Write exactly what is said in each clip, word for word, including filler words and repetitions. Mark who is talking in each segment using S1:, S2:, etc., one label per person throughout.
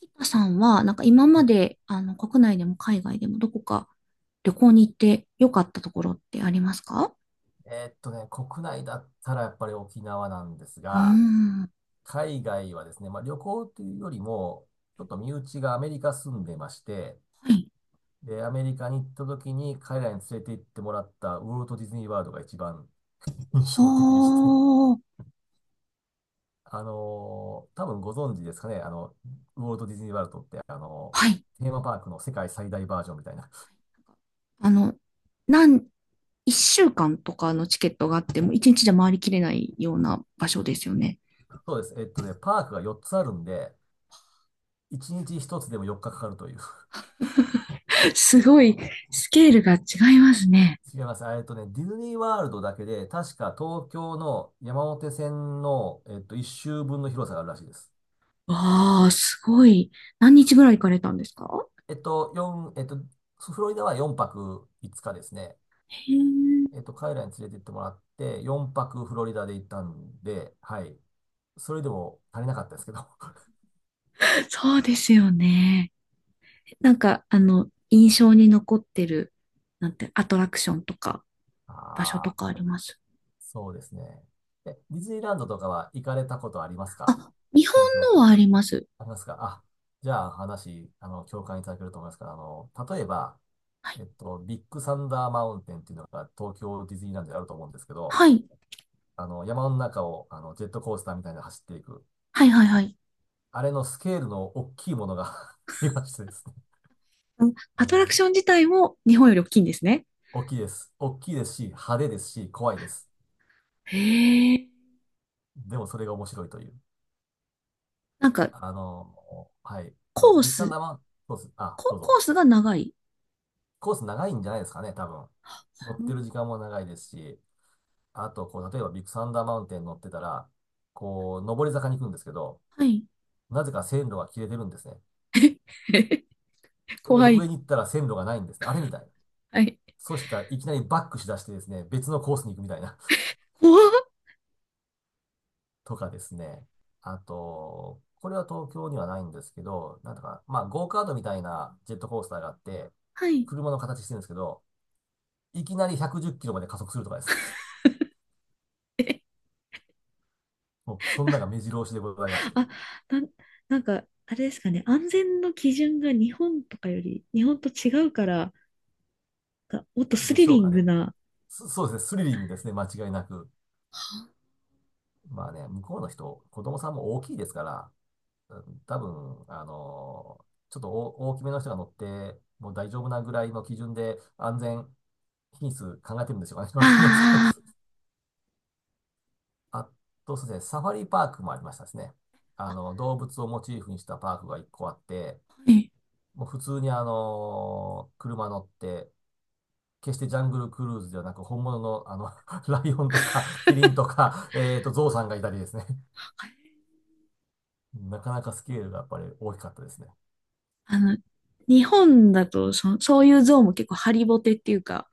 S1: 沖田さんは、なんか今
S2: は
S1: ま
S2: い。
S1: で、あの、国内でも海外でもどこか旅行に行って良かったところってありますか？
S2: えーっとね、国内だったらやっぱり沖縄なんです
S1: うー
S2: が、
S1: ん。は
S2: 海外はですね、まあ、旅行というよりも、ちょっと身内がアメリカ住んでまして、
S1: い。
S2: で、アメリカに行った時に彼らに連れて行ってもらったウォルト・ディズニー・ワールドが一番 印
S1: は
S2: 象的でして、
S1: ー
S2: あのー多分ご存知ですかね、あの、ウォルト・ディズニー・ワールドって、あの
S1: はい。
S2: ーテーマパークの世界最大バージョンみたいな。
S1: あの、なん、一週間とかのチケットがあっても、一日じゃ回りきれないような場所ですよね。
S2: そうです。えっとね、パークがよっつあるんで、いちにちひとつでもよっかかかかるという。違います。えっとね、ディズニーワールドだけで、確か東京の山手線の、えっと、一周分の広さがあるらしいです。
S1: わあ、すごい。何日ぐらい行かれたんですか？
S2: えっと、四えっと、フロリダはよんはくいつかですね。
S1: へえ、
S2: えっと、彼らに連れて行ってもらって、よんはくフロリダで行ったんで、はい。それでも足りなかったですけど。あ
S1: そうですよね。なんか、あの、印象に残ってる、なんて、アトラクションとか。場所と
S2: あ、
S1: かあります？
S2: そうですね。え、ディズニーランドとかは行かれたことありますか？
S1: あ、日本
S2: 東京
S1: の
S2: と
S1: はあ
S2: か。
S1: ります。
S2: ありますかあ、じゃあ話、あの、共感いただけると思いますから、あの、例えば、
S1: は
S2: え
S1: い。
S2: っと、ビッグサンダーマウンテンっていうのが東京ディズニーランドであると思うんですけど、
S1: はい。
S2: あの、山の中をあのジェットコースターみたいなの走っていく。
S1: はいはいはい。
S2: あれのスケールの大きいものが 見ましてですね。
S1: うん。ア
S2: あ
S1: トラク
S2: の、
S1: ション自体も日本より大きいんですね。
S2: 大きいです。大きいですし、派手ですし、怖いです。
S1: へえ。
S2: でもそれが面白いという。
S1: なんか、
S2: あの、はい。
S1: コー
S2: ビッグサン
S1: ス、
S2: ダーマウンテン、そうです。あ、ど
S1: コ、
S2: う
S1: コ
S2: ぞ。
S1: ースが長い。
S2: コース長いんじゃないですかね、多分。乗
S1: う
S2: って
S1: ん。
S2: る時間も長いですし、あと、こう、例えばビッグサンダーマウンテン乗ってたら、こう、上り坂に行くんですけど、
S1: はい。
S2: なぜか線路が切れてるんですね。
S1: 怖
S2: 上
S1: い。
S2: に行ったら線路がないんですね。あれみたいな。
S1: はい。
S2: そしたらいきなりバックしだしてですね、別のコースに行くみたいな。
S1: 怖っ。
S2: とかですね。あと、これは東京にはないんですけど、なんだか、まあ、ゴーカートみたいなジェットコースターがあって、
S1: はい。
S2: 車の形してるんですけど、いきなりひゃくじゅっキロまで加速するとかですね。もう、そんなが目白押しでございまして。
S1: あなん、なんか、あれですかね。安全の基準が日本とかより、日本と違うから、がもっとス
S2: で
S1: リ
S2: しょ
S1: リ
S2: う
S1: ン
S2: か
S1: グ
S2: ね。
S1: な、
S2: そそうですね、スリリングですね、間違いなく。まあね、向こうの人、子供さんも大きいですから、多分、あのちょっと大大きめの人が乗って、もう大丈夫なぐらいの基準で安全品質考えてるんでしょうかね。わかんないですけど。
S1: あ
S2: あと、そうですね、サファリパークもありましたですね。あ
S1: あ。
S2: の、動物をモチーフにしたパークが一個あって、
S1: はい。
S2: もう普通にあの車乗って、決してジャングルクルーズではなく、本物のあの、ライオンとか、キリンとか、えっと、ゾウさんがいたりですね。
S1: はい。
S2: なかなかスケールがやっぱり大きかったですね。
S1: あの、日本だとそ、そういう像も結構ハリボテっていうか、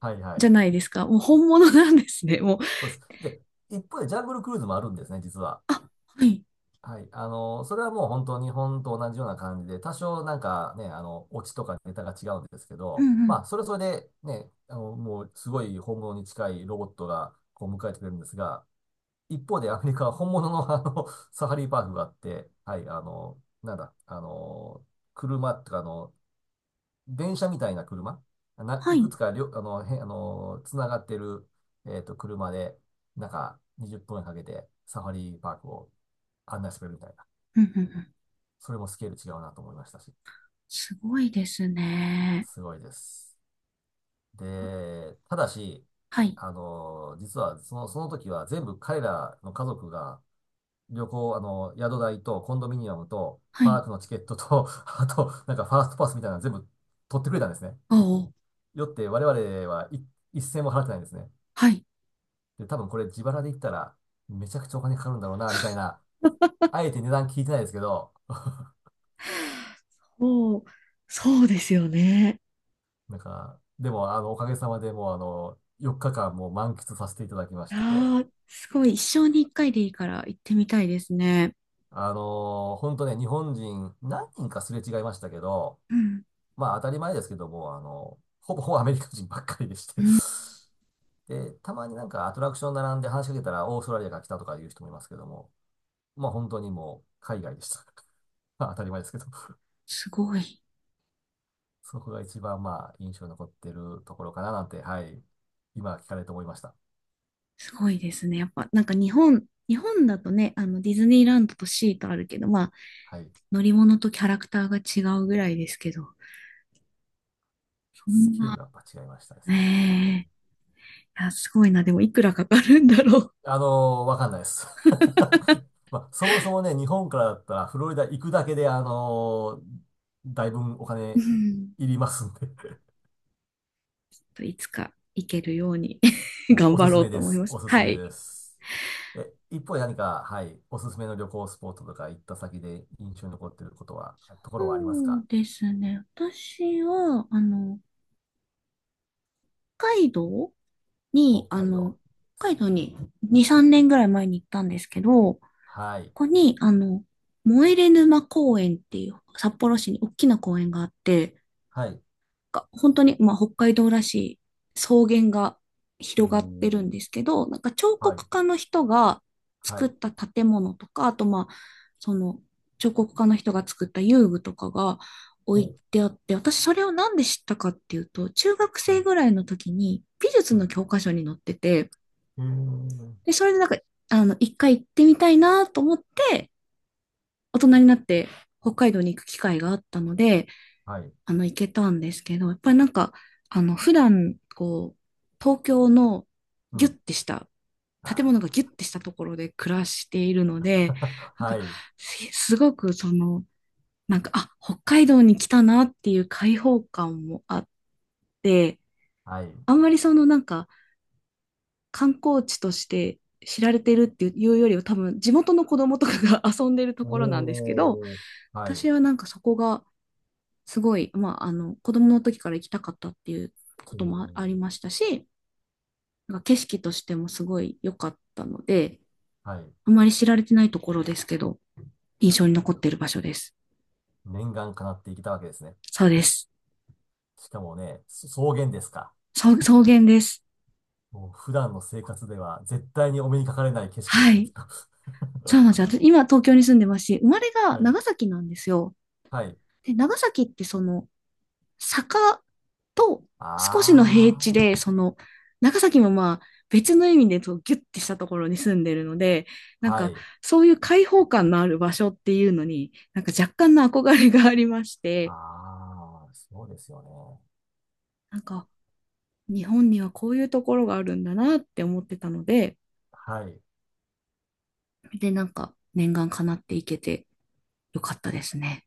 S2: はいは
S1: じゃ
S2: い。
S1: ないですか。もう本物なんですね。もう、
S2: そうです。で、一方でジャングルクルーズもあるんですね、実は。
S1: あ、はい。
S2: はい。あの、それはもう本当日本と同じような感じで、多少なんかね、あの、オチとかネタが違うんですけ
S1: う
S2: ど、
S1: んうん。
S2: まあ、それそれでね、あの、もうすごい本物に近いロボットがこう迎えてくれるんですが、一方でアメリカは本物のあの、サファリパークがあって、はい、あの、なんだ、あの、車とかの電車みたいな車、な、
S1: は
S2: い
S1: い。う
S2: く
S1: ん
S2: つかりょ、あの、へ、あの、つながってる、えっと、車で、なんか、にじゅっぷんかけて、サファリパークを案内してくれるみたいな。
S1: うんうん。
S2: それもスケール違うなと思いましたし、
S1: すごいですね。
S2: すごいです。で、ただし、
S1: はい。
S2: あの、実は、その、その時は全部彼らの家族が、旅行、あの、宿代とコンドミニアムと、
S1: は
S2: パ
S1: い。
S2: ークのチケットと、あと、なんかファーストパスみたいなの全部取ってくれたんですね。
S1: おう。
S2: よって、我々はい一銭も払ってないんですね。
S1: はい。
S2: で、多分これ自腹で言ったら、めちゃくちゃお金かかるんだろうな、みたいな。あえて値段聞いてないですけど、
S1: そう、そうですよね。
S2: なんか、でも、あの、おかげさまでもう、あの、よっかかんもう満喫させていただきまして、
S1: ああ、すごい。一生に一回でいいから行ってみたいですね。
S2: あのー本当ね、日本人何人かすれ違いましたけど、
S1: うん。
S2: まあ当たり前ですけども、あの、ほぼほぼアメリカ人ばっかりでして で、たまになんかアトラクション並んで話しかけたらオーストラリアから来たとかいう人もいますけども、まあ本当にもう海外でした。まあ当たり前ですけど
S1: すごい。
S2: そこが一番まあ印象に残ってるところかななんて、はい。今聞かれて思いました。
S1: すごいですね。やっぱ、なんか日本、日本だとね、あの、ディズニーランドとシーとあるけど、まあ、
S2: はい。
S1: 乗り物とキャラクターが違うぐらいですけど、そ
S2: ス
S1: ん
S2: ケール
S1: な、
S2: がやっぱ違いましたですね。本当に。
S1: ねえ、いや、すごいな。でも、いくらかかるんだろ
S2: あのーわかんないです。まあ、そもそもね、日本からだったらフロリダ行くだけで、あのーだいぶんお
S1: う。う
S2: 金
S1: ん。
S2: いりますんで
S1: と、いつか行けるように
S2: もう
S1: 頑
S2: お
S1: 張
S2: すす
S1: ろ
S2: め
S1: うと
S2: で
S1: 思い
S2: す。
S1: ま
S2: お
S1: す。
S2: すす
S1: は
S2: め
S1: い。
S2: です。え、一方で何か、はい、おすすめの旅行スポットとか行った先で印象に残っていることは、ところはあります
S1: そう
S2: か？
S1: ですね。私は、あの、北海道
S2: 北
S1: に、あ
S2: 海道
S1: の、
S2: で
S1: 北
S2: す
S1: 海道
S2: ね。
S1: にに、さんねんぐらい前に行ったんですけど、
S2: はい。
S1: こに、あの、燃え沼公園っていう札幌市に大きな公園があって、
S2: はい。
S1: が本当に、まあ、北海道らしい草原が
S2: お
S1: 広がってるん
S2: ー、
S1: ですけど、なんか彫
S2: はい、
S1: 刻家の人が
S2: は
S1: 作っ
S2: い、
S1: た建物とか、あとまあ、その彫刻家の人が作った遊具とかが置
S2: お
S1: い
S2: ー、
S1: てあって、私それをなんで知ったかっていうと、中学
S2: は
S1: 生
S2: い、
S1: ぐらいの時に美術
S2: う
S1: の
S2: ん、
S1: 教科書に載ってて、
S2: へえ、
S1: で、それでなんか、あの、一回行ってみたいなと思って、大人になって北海道に行く機会があったので、
S2: はい、
S1: あの、行けたんですけど、やっぱりなんか、あの、普段、こう、東京の
S2: う
S1: ギュ
S2: ん、
S1: ッてした、建物がギュ
S2: あ
S1: ッてしたところで暮らしているので、
S2: ー
S1: なん
S2: は
S1: か、
S2: い、
S1: すすごくその、なんか、あ、北海道に来たなっていう開放感もあって、
S2: はい、
S1: あんまりそのなんか、観光地として知られてるっていうよりは多分地元の子供とかが 遊んでるところなんですけど、
S2: おー、はい、
S1: 私はなんかそこがすごい、まあ、あの、子供の時から行きたかったっていうこ
S2: お
S1: ともあありま
S2: ー、
S1: したし、なんか景色としてもすごい良かったので、
S2: はい、
S1: あまり知られてないところですけど、印象に残っている場所です。
S2: 念願叶っていけたわけですね。
S1: そうです。
S2: しかもね、そ草原ですか？
S1: 草草原です。
S2: もう普段の生活では絶対にお目にかかれない景色で
S1: は
S2: すね、き
S1: い。
S2: っと。
S1: そうなんですよ。私今東京に住んでますし、生まれが
S2: はい、
S1: 長崎なんですよ。
S2: はい、
S1: で、長崎ってその、坂と少しの平地
S2: あ
S1: で、その、長崎もまあ、別の意味でとギュッてしたところに住んでるので、な
S2: ー、
S1: ん
S2: は
S1: か
S2: い、
S1: そういう開放感のある場所っていうのに、なんか若干の憧れがありまして、
S2: あー、そうですよね。
S1: なんか日本にはこういうところがあるんだなって思ってたので、
S2: はい。
S1: で、なんか念願叶っていけてよかったですね。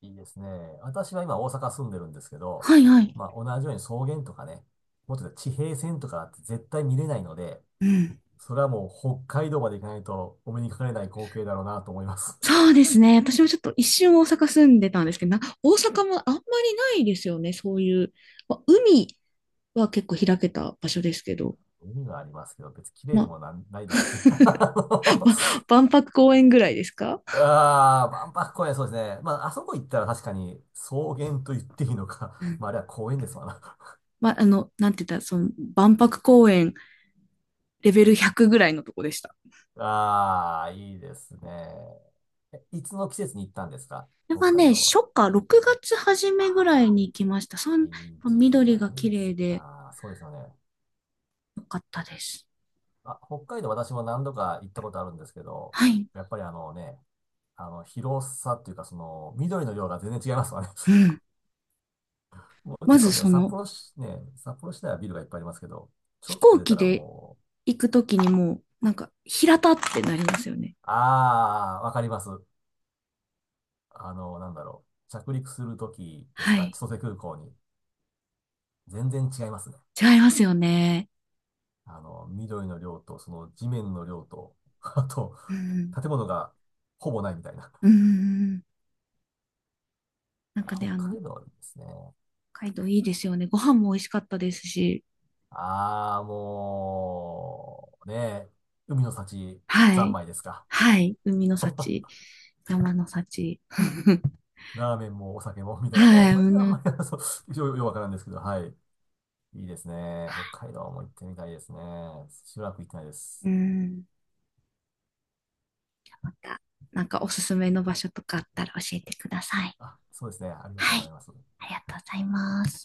S2: いいですね。私は今大阪住んでるんですけど、
S1: はいはい。
S2: まあ同じように草原とかね、もっと言うと地平線とかって絶対見れないので、
S1: うん。
S2: それはもう北海道まで行かないとお目にかかれない光景だろうなと思います。
S1: そうですね。私もちょっと一瞬大阪住んでたんですけど、な、大阪もあんまりないですよね。そういう、まあ、海は結構開けた場所ですけど、
S2: 海はありますけど、別に綺麗
S1: ま
S2: で
S1: あ、
S2: もなん、ないですし。
S1: 万博公園ぐらいですか？
S2: あのあー、万博公園そうですね。まあ、あそこ行ったら確かに草原と言っていいの
S1: う
S2: か。
S1: ん。
S2: まあ、あれは公園ですわな。
S1: まあ、あの、なんて言ったら、その、万博公園レベルひゃくぐらいのとこでした。こ
S2: ああ、いいですね。えいつの季節に行ったんですか？
S1: れ
S2: 北
S1: は
S2: 海
S1: ね、
S2: 道は。
S1: 初夏、ろくがつ初めぐらいに行きました。そん、
S2: いい時期じ
S1: 緑
S2: ゃな
S1: が
S2: い
S1: 綺
S2: で
S1: 麗
S2: す
S1: で
S2: か。そうですよね。
S1: よかったです。
S2: あ、北海道私も何度か行ったことあるんですけど、
S1: はい。
S2: やっぱりあのね、あの、広さっていうか、その、緑の量が全然違いますわね。
S1: うん。
S2: も
S1: ま
S2: ち
S1: ず
S2: ろんね、
S1: そ
S2: 札
S1: の、
S2: 幌市、ね、札幌市内はビルがいっぱいありますけど、ちょ
S1: 飛
S2: っと
S1: 行
S2: 出た
S1: 機
S2: ら
S1: で
S2: もう、
S1: 行くときにもう、なんか、平たってなりますよね。
S2: ああ、わかります。あの、なんだろう。着陸するときです
S1: は
S2: か？
S1: い。
S2: 千歳空港に。全然違いますね。
S1: 違いますよね。
S2: あの、緑の量と、その地面の量と、あと、
S1: うん。
S2: 建物がほぼないみたいな。
S1: うん。なんかね、あ
S2: 北
S1: の、
S2: 海道はいいですね。
S1: 北海道いいですよね。ご飯も美味しかったですし。
S2: ああ、もう、ねえ、海の幸、
S1: は
S2: 三
S1: い。
S2: 昧ですか？
S1: はい。海の幸、山の幸。
S2: ラーメンもお酒も、みたいな。もうお
S1: はい。う
S2: 酒はあん
S1: ん。
S2: まり、そう、よ、よくわからんですけど、はい。いいですね。北海道も行ってみたいですね。しばらく行ってないで
S1: う
S2: す。
S1: ん。また、なんかおすすめの場所とかあったら教えてください。
S2: あ、そうですね。ありがとう
S1: は
S2: ござ
S1: い。
S2: います。
S1: ありがとうございます。